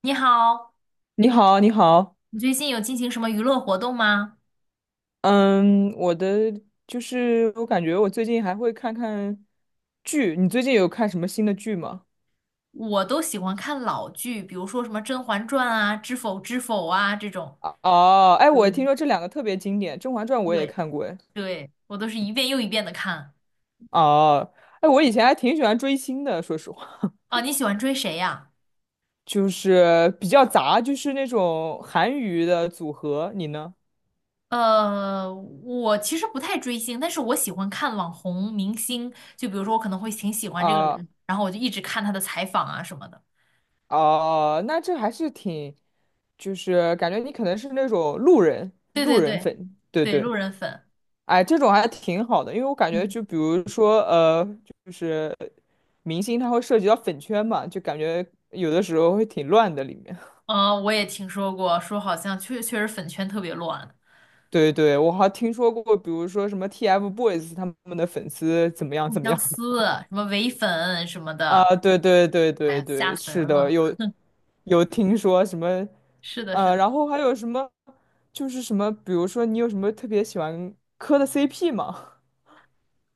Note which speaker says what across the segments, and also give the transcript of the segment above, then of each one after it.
Speaker 1: 你好，
Speaker 2: 你好，你好，
Speaker 1: 你最近有进行什么娱乐活动吗？
Speaker 2: 嗯，我的就是我感觉我最近还会剧，你最近有看什么新的剧吗？
Speaker 1: 我都喜欢看老剧，比如说什么《甄嬛传》啊、《知否知否》啊这种，都
Speaker 2: 我听
Speaker 1: 一
Speaker 2: 说这两个特别经典，《甄嬛传》我也
Speaker 1: 对
Speaker 2: 看过，哎，
Speaker 1: 对，我都是一遍又一遍的看。
Speaker 2: 哦，哎，我以前还挺喜欢追星的，说实话，
Speaker 1: 啊，你喜欢追谁呀？
Speaker 2: 就是比较杂，就是那种韩娱的组合，你呢？
Speaker 1: 我其实不太追星，但是我喜欢看网红明星，就比如说我可能会挺喜欢这个
Speaker 2: 啊
Speaker 1: 人，然后我就一直看他的采访啊什么的。
Speaker 2: 哦，那这还是挺，就是感觉你可能是那种路人
Speaker 1: 对
Speaker 2: 路
Speaker 1: 对
Speaker 2: 人
Speaker 1: 对
Speaker 2: 粉，对
Speaker 1: 对，
Speaker 2: 对。
Speaker 1: 路人粉，
Speaker 2: 哎，这种还挺好的，因为我感觉
Speaker 1: 嗯，
Speaker 2: 就比如说，就是明星他会涉及到粉圈嘛，就感觉有的时候会挺乱的里面。
Speaker 1: 我也听说过，说好像确实粉圈特别乱。
Speaker 2: 对对，我还听说过，比如说什么 TFBOYS 他们的粉丝怎么样
Speaker 1: 互
Speaker 2: 怎么
Speaker 1: 相
Speaker 2: 样的。
Speaker 1: 撕，什么唯粉什么
Speaker 2: 啊？
Speaker 1: 的，
Speaker 2: 对对对
Speaker 1: 哎
Speaker 2: 对
Speaker 1: 呀，吓
Speaker 2: 对，
Speaker 1: 死人
Speaker 2: 是的，
Speaker 1: 了。
Speaker 2: 有听说什么，
Speaker 1: 是的，是的。
Speaker 2: 然后还有什么，就是什么，比如说你有什么特别喜欢磕的 CP 吗？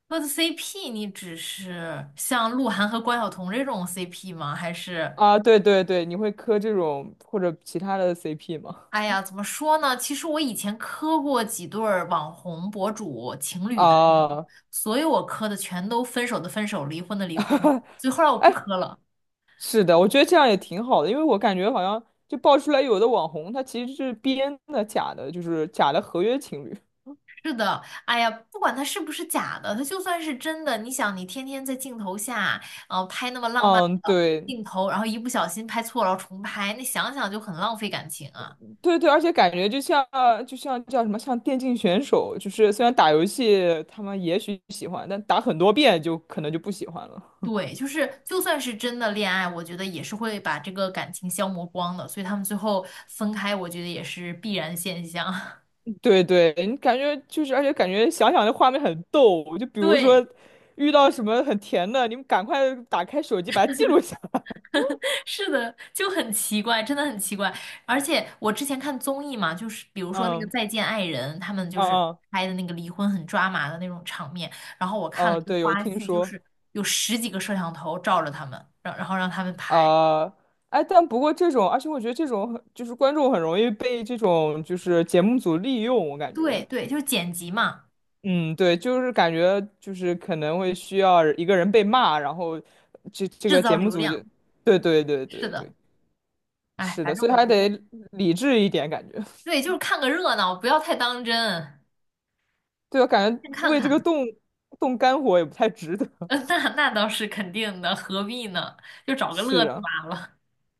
Speaker 1: 那 CP 你只是像鹿晗和关晓彤这种 CP 吗？还是，
Speaker 2: 啊，对对对，你会磕这种或者其他的 CP 吗？
Speaker 1: 哎呀，怎么说呢？其实我以前磕过几对儿网红博主情
Speaker 2: 啊。
Speaker 1: 侣的那种，所有我磕的全都分手的分手，离婚的离婚，所以后来我不磕了。
Speaker 2: 是的，我觉得这样也挺好的，因为我感觉好像就爆出来有的网红他其实是编的、假的，就是假的合约情侣。
Speaker 1: 是的，哎呀，不管它是不是假的，它就算是真的，你想，你天天在镜头下，拍那么浪漫
Speaker 2: 嗯，
Speaker 1: 的
Speaker 2: 对，
Speaker 1: 镜头，然后一不小心拍错了，然后重拍，那想想就很浪费感情啊。
Speaker 2: 对对，而且感觉就像就像叫什么，像电竞选手，就是虽然打游戏他们也许喜欢，但打很多遍就可能就不喜欢了。
Speaker 1: 对，就是就算是真的恋爱，我觉得也是会把这个感情消磨光的，所以他们最后分开，我觉得也是必然现象。
Speaker 2: 对对，你感觉就是，而且感觉想想这画面很逗，就比如
Speaker 1: 对。
Speaker 2: 说遇到什么很甜的，你们赶快打开手机把它记录下。
Speaker 1: 是的，就很奇怪，真的很奇怪。而且我之前看综艺嘛，就是比如说那个
Speaker 2: 嗯，
Speaker 1: 《再见爱人》，他们就是
Speaker 2: 嗯，嗯，
Speaker 1: 拍的那个离婚很抓马的那种场面。然后我看了
Speaker 2: 哦，
Speaker 1: 一个
Speaker 2: 对，有
Speaker 1: 花
Speaker 2: 听
Speaker 1: 絮，就
Speaker 2: 说。
Speaker 1: 是有十几个摄像头照着他们，然后让他们拍。
Speaker 2: 啊，哎，但不过这种，而且我觉得这种很就是观众很容易被这种就是节目组利用，我感
Speaker 1: 对
Speaker 2: 觉，
Speaker 1: 对，就是剪辑嘛，
Speaker 2: 嗯，对，就是感觉就是可能会需要一个人被骂，然后这这
Speaker 1: 制
Speaker 2: 个
Speaker 1: 造
Speaker 2: 节目
Speaker 1: 流
Speaker 2: 组就，
Speaker 1: 量。
Speaker 2: 对对对
Speaker 1: 是
Speaker 2: 对对，
Speaker 1: 的，哎，
Speaker 2: 是
Speaker 1: 反
Speaker 2: 的，
Speaker 1: 正
Speaker 2: 所以
Speaker 1: 我
Speaker 2: 还
Speaker 1: 觉得，
Speaker 2: 得理智一点，感觉，
Speaker 1: 对，就是看个热闹，不要太当真，
Speaker 2: 对，我感觉
Speaker 1: 先看
Speaker 2: 为这个
Speaker 1: 看。
Speaker 2: 动肝火也不太值得，
Speaker 1: 那那倒是肯定的，何必呢？就 找个乐
Speaker 2: 是
Speaker 1: 子
Speaker 2: 啊，
Speaker 1: 罢了。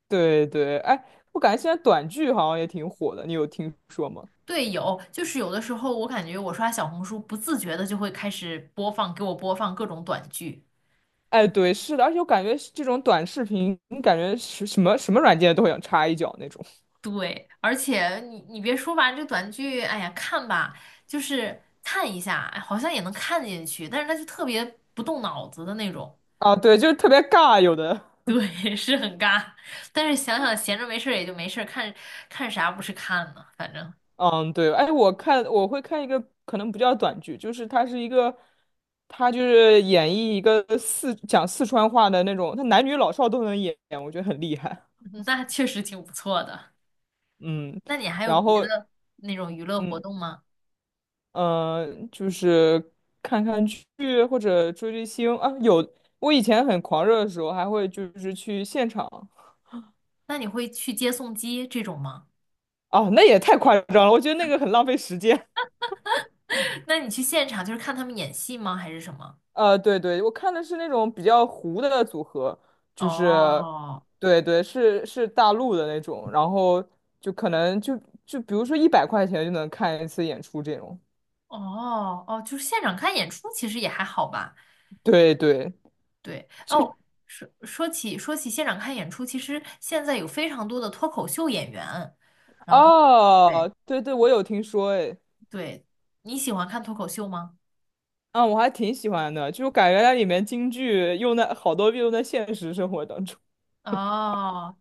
Speaker 2: 对对，哎，我感觉现在短剧好像也挺火的，你有听说吗？
Speaker 1: 对，有，就是有的时候我感觉我刷小红书不自觉的就会开始播放，给我播放各种短剧。
Speaker 2: 哎，对，是的，而且我感觉是这种短视频，感觉是什么什么软件都想插一脚那种。
Speaker 1: 对，而且你别说吧，这短剧，哎呀，看吧，就是看一下，哎好像也能看进去，但是它就特别不动脑子的那种。
Speaker 2: 啊，对，就是特别尬，有的，
Speaker 1: 对，是很尬，但是想想闲着没事儿也就没事儿，看看啥不是看呢？反正
Speaker 2: 嗯，对，哎，我看我会看一个可能不叫短剧，就是它是一个，它就是演绎一个讲四川话的那种，它男女老少都能演，我觉得很厉害，
Speaker 1: 那确实挺不错的。
Speaker 2: 嗯，
Speaker 1: 那你还有
Speaker 2: 然
Speaker 1: 别
Speaker 2: 后，
Speaker 1: 的那种娱乐活
Speaker 2: 嗯
Speaker 1: 动吗？
Speaker 2: 呃，就是剧或者追星啊，有，我以前很狂热的时候还会就是去现场。
Speaker 1: 那你会去接送机这种吗？
Speaker 2: 哦，那也太夸张了，我觉得那个很浪费时间。
Speaker 1: 那你去现场就是看他们演戏吗？还是什么？
Speaker 2: 呃，对对，我看的是那种比较糊的组合，就是，
Speaker 1: 哦
Speaker 2: 对对，是大陆的那种，然后就可能就比如说100块钱就能看一次演出这种。
Speaker 1: 哦哦，就是现场看演出，其实也还好吧。
Speaker 2: 对对，
Speaker 1: 对
Speaker 2: 就
Speaker 1: 哦，说起现场看演出，其实现在有非常多的脱口秀演员。然后对
Speaker 2: 哦，对对，我有听说哎，
Speaker 1: 对，你喜欢看脱口秀吗？
Speaker 2: 啊，我还挺喜欢的，就感觉它里面京剧用的好多用在现实生活当中。
Speaker 1: 哦，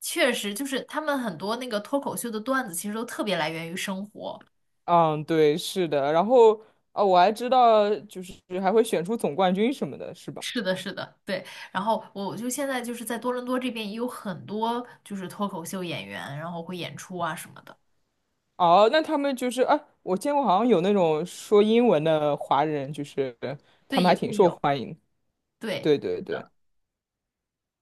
Speaker 1: 确实，就是他们很多那个脱口秀的段子，其实都特别来源于生活。
Speaker 2: 嗯，对，是的，然后。哦，我还知道，就是还会选出总冠军什么的，是吧？
Speaker 1: 是的，是的，对。然后我就现在就是在多伦多这边也有很多就是脱口秀演员，然后会演出啊什么的，
Speaker 2: 哦，那他们就是啊，我见过好像有那种说英文的华人，就是他
Speaker 1: 对，
Speaker 2: 们还
Speaker 1: 也
Speaker 2: 挺
Speaker 1: 会
Speaker 2: 受
Speaker 1: 有，
Speaker 2: 欢迎。
Speaker 1: 对，
Speaker 2: 对对
Speaker 1: 是
Speaker 2: 对，
Speaker 1: 的，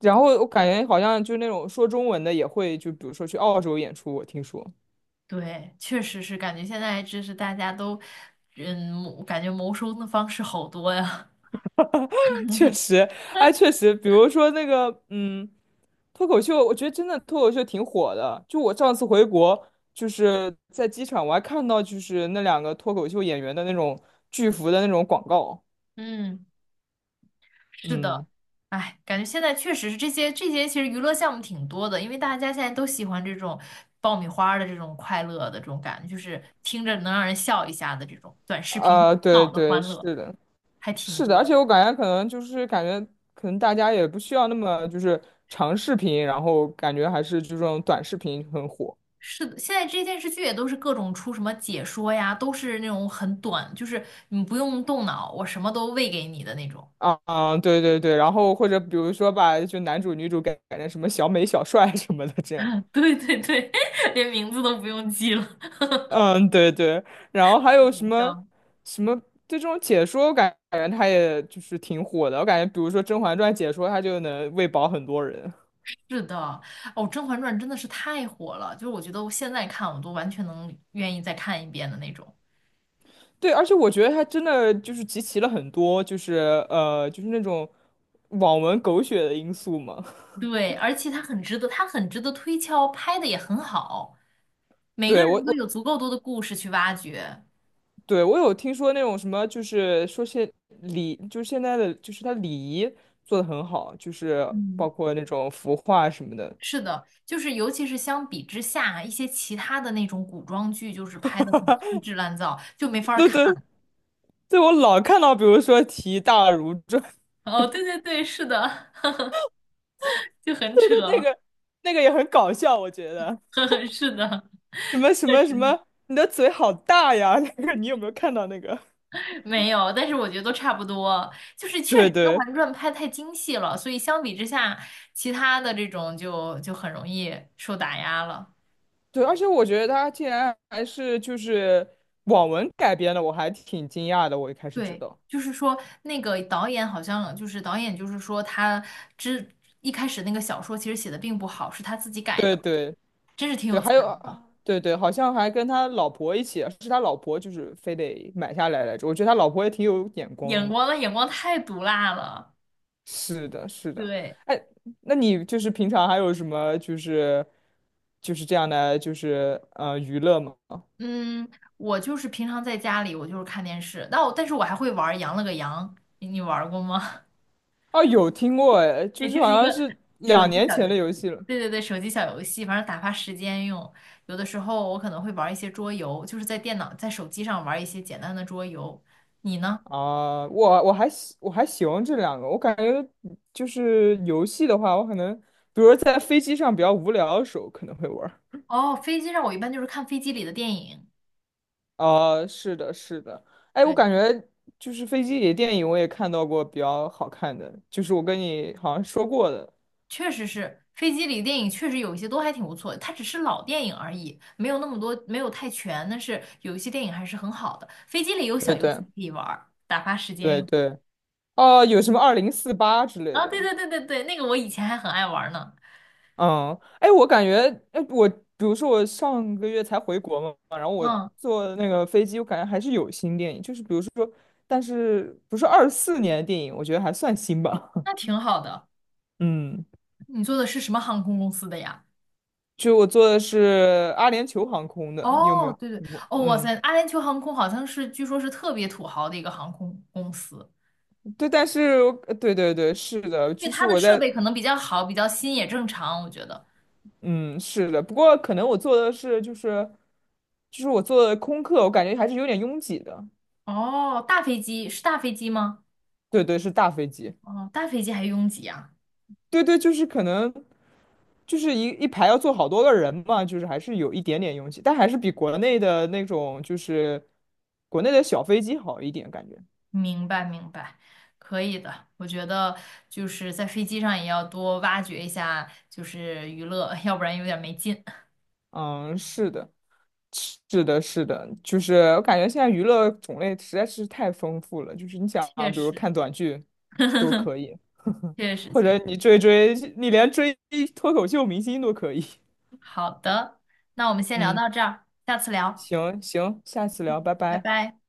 Speaker 2: 然后我感觉好像就是那种说中文的也会，就比如说去澳洲演出，我听说，
Speaker 1: 对，确实是感觉现在就是大家都，嗯，感觉谋生的方式好多呀，
Speaker 2: 确实，哎，确实，比如说那个，嗯，脱口秀，我觉得真的脱口秀挺火的。就我上次回国，就是在机场，我还看到就是那两个脱口秀演员的那种巨幅的那种广告。
Speaker 1: 嗯。是
Speaker 2: 嗯，
Speaker 1: 的，哎，感觉现在确实是这些，其实娱乐项目挺多的，因为大家现在都喜欢这种爆米花儿的这种快乐的这种感觉，就是听着能让人笑一下的这种短视频
Speaker 2: 啊，对
Speaker 1: 脑的
Speaker 2: 对，
Speaker 1: 欢乐，
Speaker 2: 是的。
Speaker 1: 还挺
Speaker 2: 是的，而
Speaker 1: 多。
Speaker 2: 且我感觉可能就是感觉可能大家也不需要那么就是长视频，然后感觉还是就这种短视频很火。
Speaker 1: 是的，现在这些电视剧也都是各种出什么解说呀，都是那种很短，就是你不用动脑，我什么都喂给你的那种。
Speaker 2: 对对对，然后或者比如说把就男主女主改成什么小美小帅啊什么的这样，
Speaker 1: 对对对，连名字都不用记了，
Speaker 2: 嗯对对，然后还 有什
Speaker 1: 好
Speaker 2: 么
Speaker 1: 笑。
Speaker 2: 什么这种解说，我感觉它也就是挺火的，我感觉比如说《甄嬛传》解说，它就能喂饱很多人。
Speaker 1: 是的，哦，《甄嬛传》真的是太火了，就是我觉得我现在看我都完全能愿意再看一遍的那种。
Speaker 2: 对，而且我觉得他真的就是集齐了很多，就是就是那种网文狗血的因素嘛。
Speaker 1: 对，而且它很值得，它很值得推敲，拍的也很好，每个
Speaker 2: 对，我
Speaker 1: 人都
Speaker 2: 我
Speaker 1: 有足够多的故事去挖掘。
Speaker 2: 有听说那种什么，就是说就是现在的就是他礼仪做的很好，就是
Speaker 1: 嗯，
Speaker 2: 包括那种服化什么的。
Speaker 1: 是的，就是尤其是相比之下，一些其他的那种古装剧，就是拍的很粗制滥造，就没法儿
Speaker 2: 对
Speaker 1: 看。
Speaker 2: 对对，我老看到，比如说提大如砖，
Speaker 1: 哦，对对对，是的，就 很
Speaker 2: 对对，
Speaker 1: 扯，
Speaker 2: 那个也很搞笑，我觉得
Speaker 1: 呵呵，是的，
Speaker 2: 什么什
Speaker 1: 确
Speaker 2: 么什
Speaker 1: 实。
Speaker 2: 么，你的嘴好大呀，那个你有没有看到那个？
Speaker 1: 没有，但是我觉得都差不多，就是 确实
Speaker 2: 对
Speaker 1: 《甄
Speaker 2: 对。
Speaker 1: 嬛传》拍太精细了，所以相比之下，其他的这种就很容易受打压了。
Speaker 2: 对，而且我觉得他竟然还是就是网文改编的，我还挺惊讶的。我一开始知
Speaker 1: 对，
Speaker 2: 道，
Speaker 1: 就是说那个导演好像就是导演，就是说他之一开始那个小说其实写的并不好，是他自己改
Speaker 2: 对
Speaker 1: 的，
Speaker 2: 对
Speaker 1: 真是挺
Speaker 2: 对，
Speaker 1: 有才
Speaker 2: 还有
Speaker 1: 的，
Speaker 2: 啊对对，好像还跟他老婆一起啊，是他老婆就是非得买下来来着。我觉得他老婆也挺有眼光
Speaker 1: 眼
Speaker 2: 的。
Speaker 1: 光的眼光太毒辣了。
Speaker 2: 是的，是的。
Speaker 1: 对，
Speaker 2: 哎，那你就是平常还有什么就是这样的就是娱乐吗？
Speaker 1: 嗯，我就是平常在家里，我就是看电视，但是我还会玩儿羊了个羊》，你玩儿过吗？
Speaker 2: 哦，有听过哎，就
Speaker 1: 对，
Speaker 2: 是
Speaker 1: 就
Speaker 2: 好
Speaker 1: 是一
Speaker 2: 像
Speaker 1: 个
Speaker 2: 是
Speaker 1: 手
Speaker 2: 两
Speaker 1: 机
Speaker 2: 年
Speaker 1: 小游
Speaker 2: 前的
Speaker 1: 戏。
Speaker 2: 游戏了。
Speaker 1: 对对对，手机小游戏，反正打发时间用。有的时候我可能会玩一些桌游，就是在电脑、在手机上玩一些简单的桌游。你呢？
Speaker 2: 啊，我我还喜欢这两个，我感觉就是游戏的话，我可能比如说在飞机上比较无聊的时候可能会玩儿。
Speaker 1: 哦，飞机上我一般就是看飞机里的电影。
Speaker 2: 啊，是的，是的，哎，我
Speaker 1: 对，
Speaker 2: 感觉就是飞机里的电影我也看到过比较好看的，就是我跟你好像说过的，
Speaker 1: 确实是飞机里的电影，确实有一些都还挺不错的。它只是老电影而已，没有那么多，没有太全，但是有一些电影还是很好的。飞机里有小
Speaker 2: 对
Speaker 1: 游戏
Speaker 2: 对
Speaker 1: 可以玩儿打发时间
Speaker 2: 对
Speaker 1: 用。
Speaker 2: 对，哦、有什么2048之类
Speaker 1: 啊、对
Speaker 2: 的，
Speaker 1: 对对对对，那个我以前还很爱玩儿呢。
Speaker 2: 嗯，哎，我感觉，哎，我比如说我上个月才回国嘛，然后我
Speaker 1: 嗯，
Speaker 2: 坐那个飞机，我感觉还是有新电影，就是比如说，但是不是24年的电影，我觉得还算新吧。
Speaker 1: 那 挺好的。
Speaker 2: 嗯，
Speaker 1: 你坐的是什么航空公司的呀？
Speaker 2: 就我坐的是阿联酋航空的，你有没
Speaker 1: 哦，
Speaker 2: 有
Speaker 1: 对对，
Speaker 2: 听过？
Speaker 1: 哦，哇
Speaker 2: 嗯，
Speaker 1: 塞，阿联酋航空好像是，据说是特别土豪的一个航空公司，
Speaker 2: 对，但是我对对对，是的，
Speaker 1: 因
Speaker 2: 就
Speaker 1: 为
Speaker 2: 是
Speaker 1: 它的
Speaker 2: 我
Speaker 1: 设
Speaker 2: 在，
Speaker 1: 备可能比较好，比较新也正常，我觉得。
Speaker 2: 嗯，是的，不过可能我坐的是就是，就是我坐的空客，我感觉还是有点拥挤的。
Speaker 1: 哦，大飞机是大飞机吗？
Speaker 2: 对对，是大飞机。
Speaker 1: 哦，大飞机还拥挤啊？
Speaker 2: 对对，就是可能就是一排要坐好多个人嘛，就是还是有一点点拥挤，但还是比国内的那种就是国内的小飞机好一点感觉。
Speaker 1: 明白明白，可以的。我觉得就是在飞机上也要多挖掘一下，就是娱乐，要不然有点没劲。
Speaker 2: 嗯，是的，是的，是的，就是我感觉现在娱乐种类实在是太丰富了，就是你想啊，
Speaker 1: 确
Speaker 2: 比如
Speaker 1: 实，
Speaker 2: 看短剧 都可以，
Speaker 1: 确实，
Speaker 2: 或
Speaker 1: 确
Speaker 2: 者
Speaker 1: 实。
Speaker 2: 你追追，你连追脱口秀明星都可以。
Speaker 1: 好的，那我们先聊
Speaker 2: 嗯，
Speaker 1: 到这儿，下次聊，
Speaker 2: 行行，下次聊，拜
Speaker 1: 拜
Speaker 2: 拜。
Speaker 1: 拜。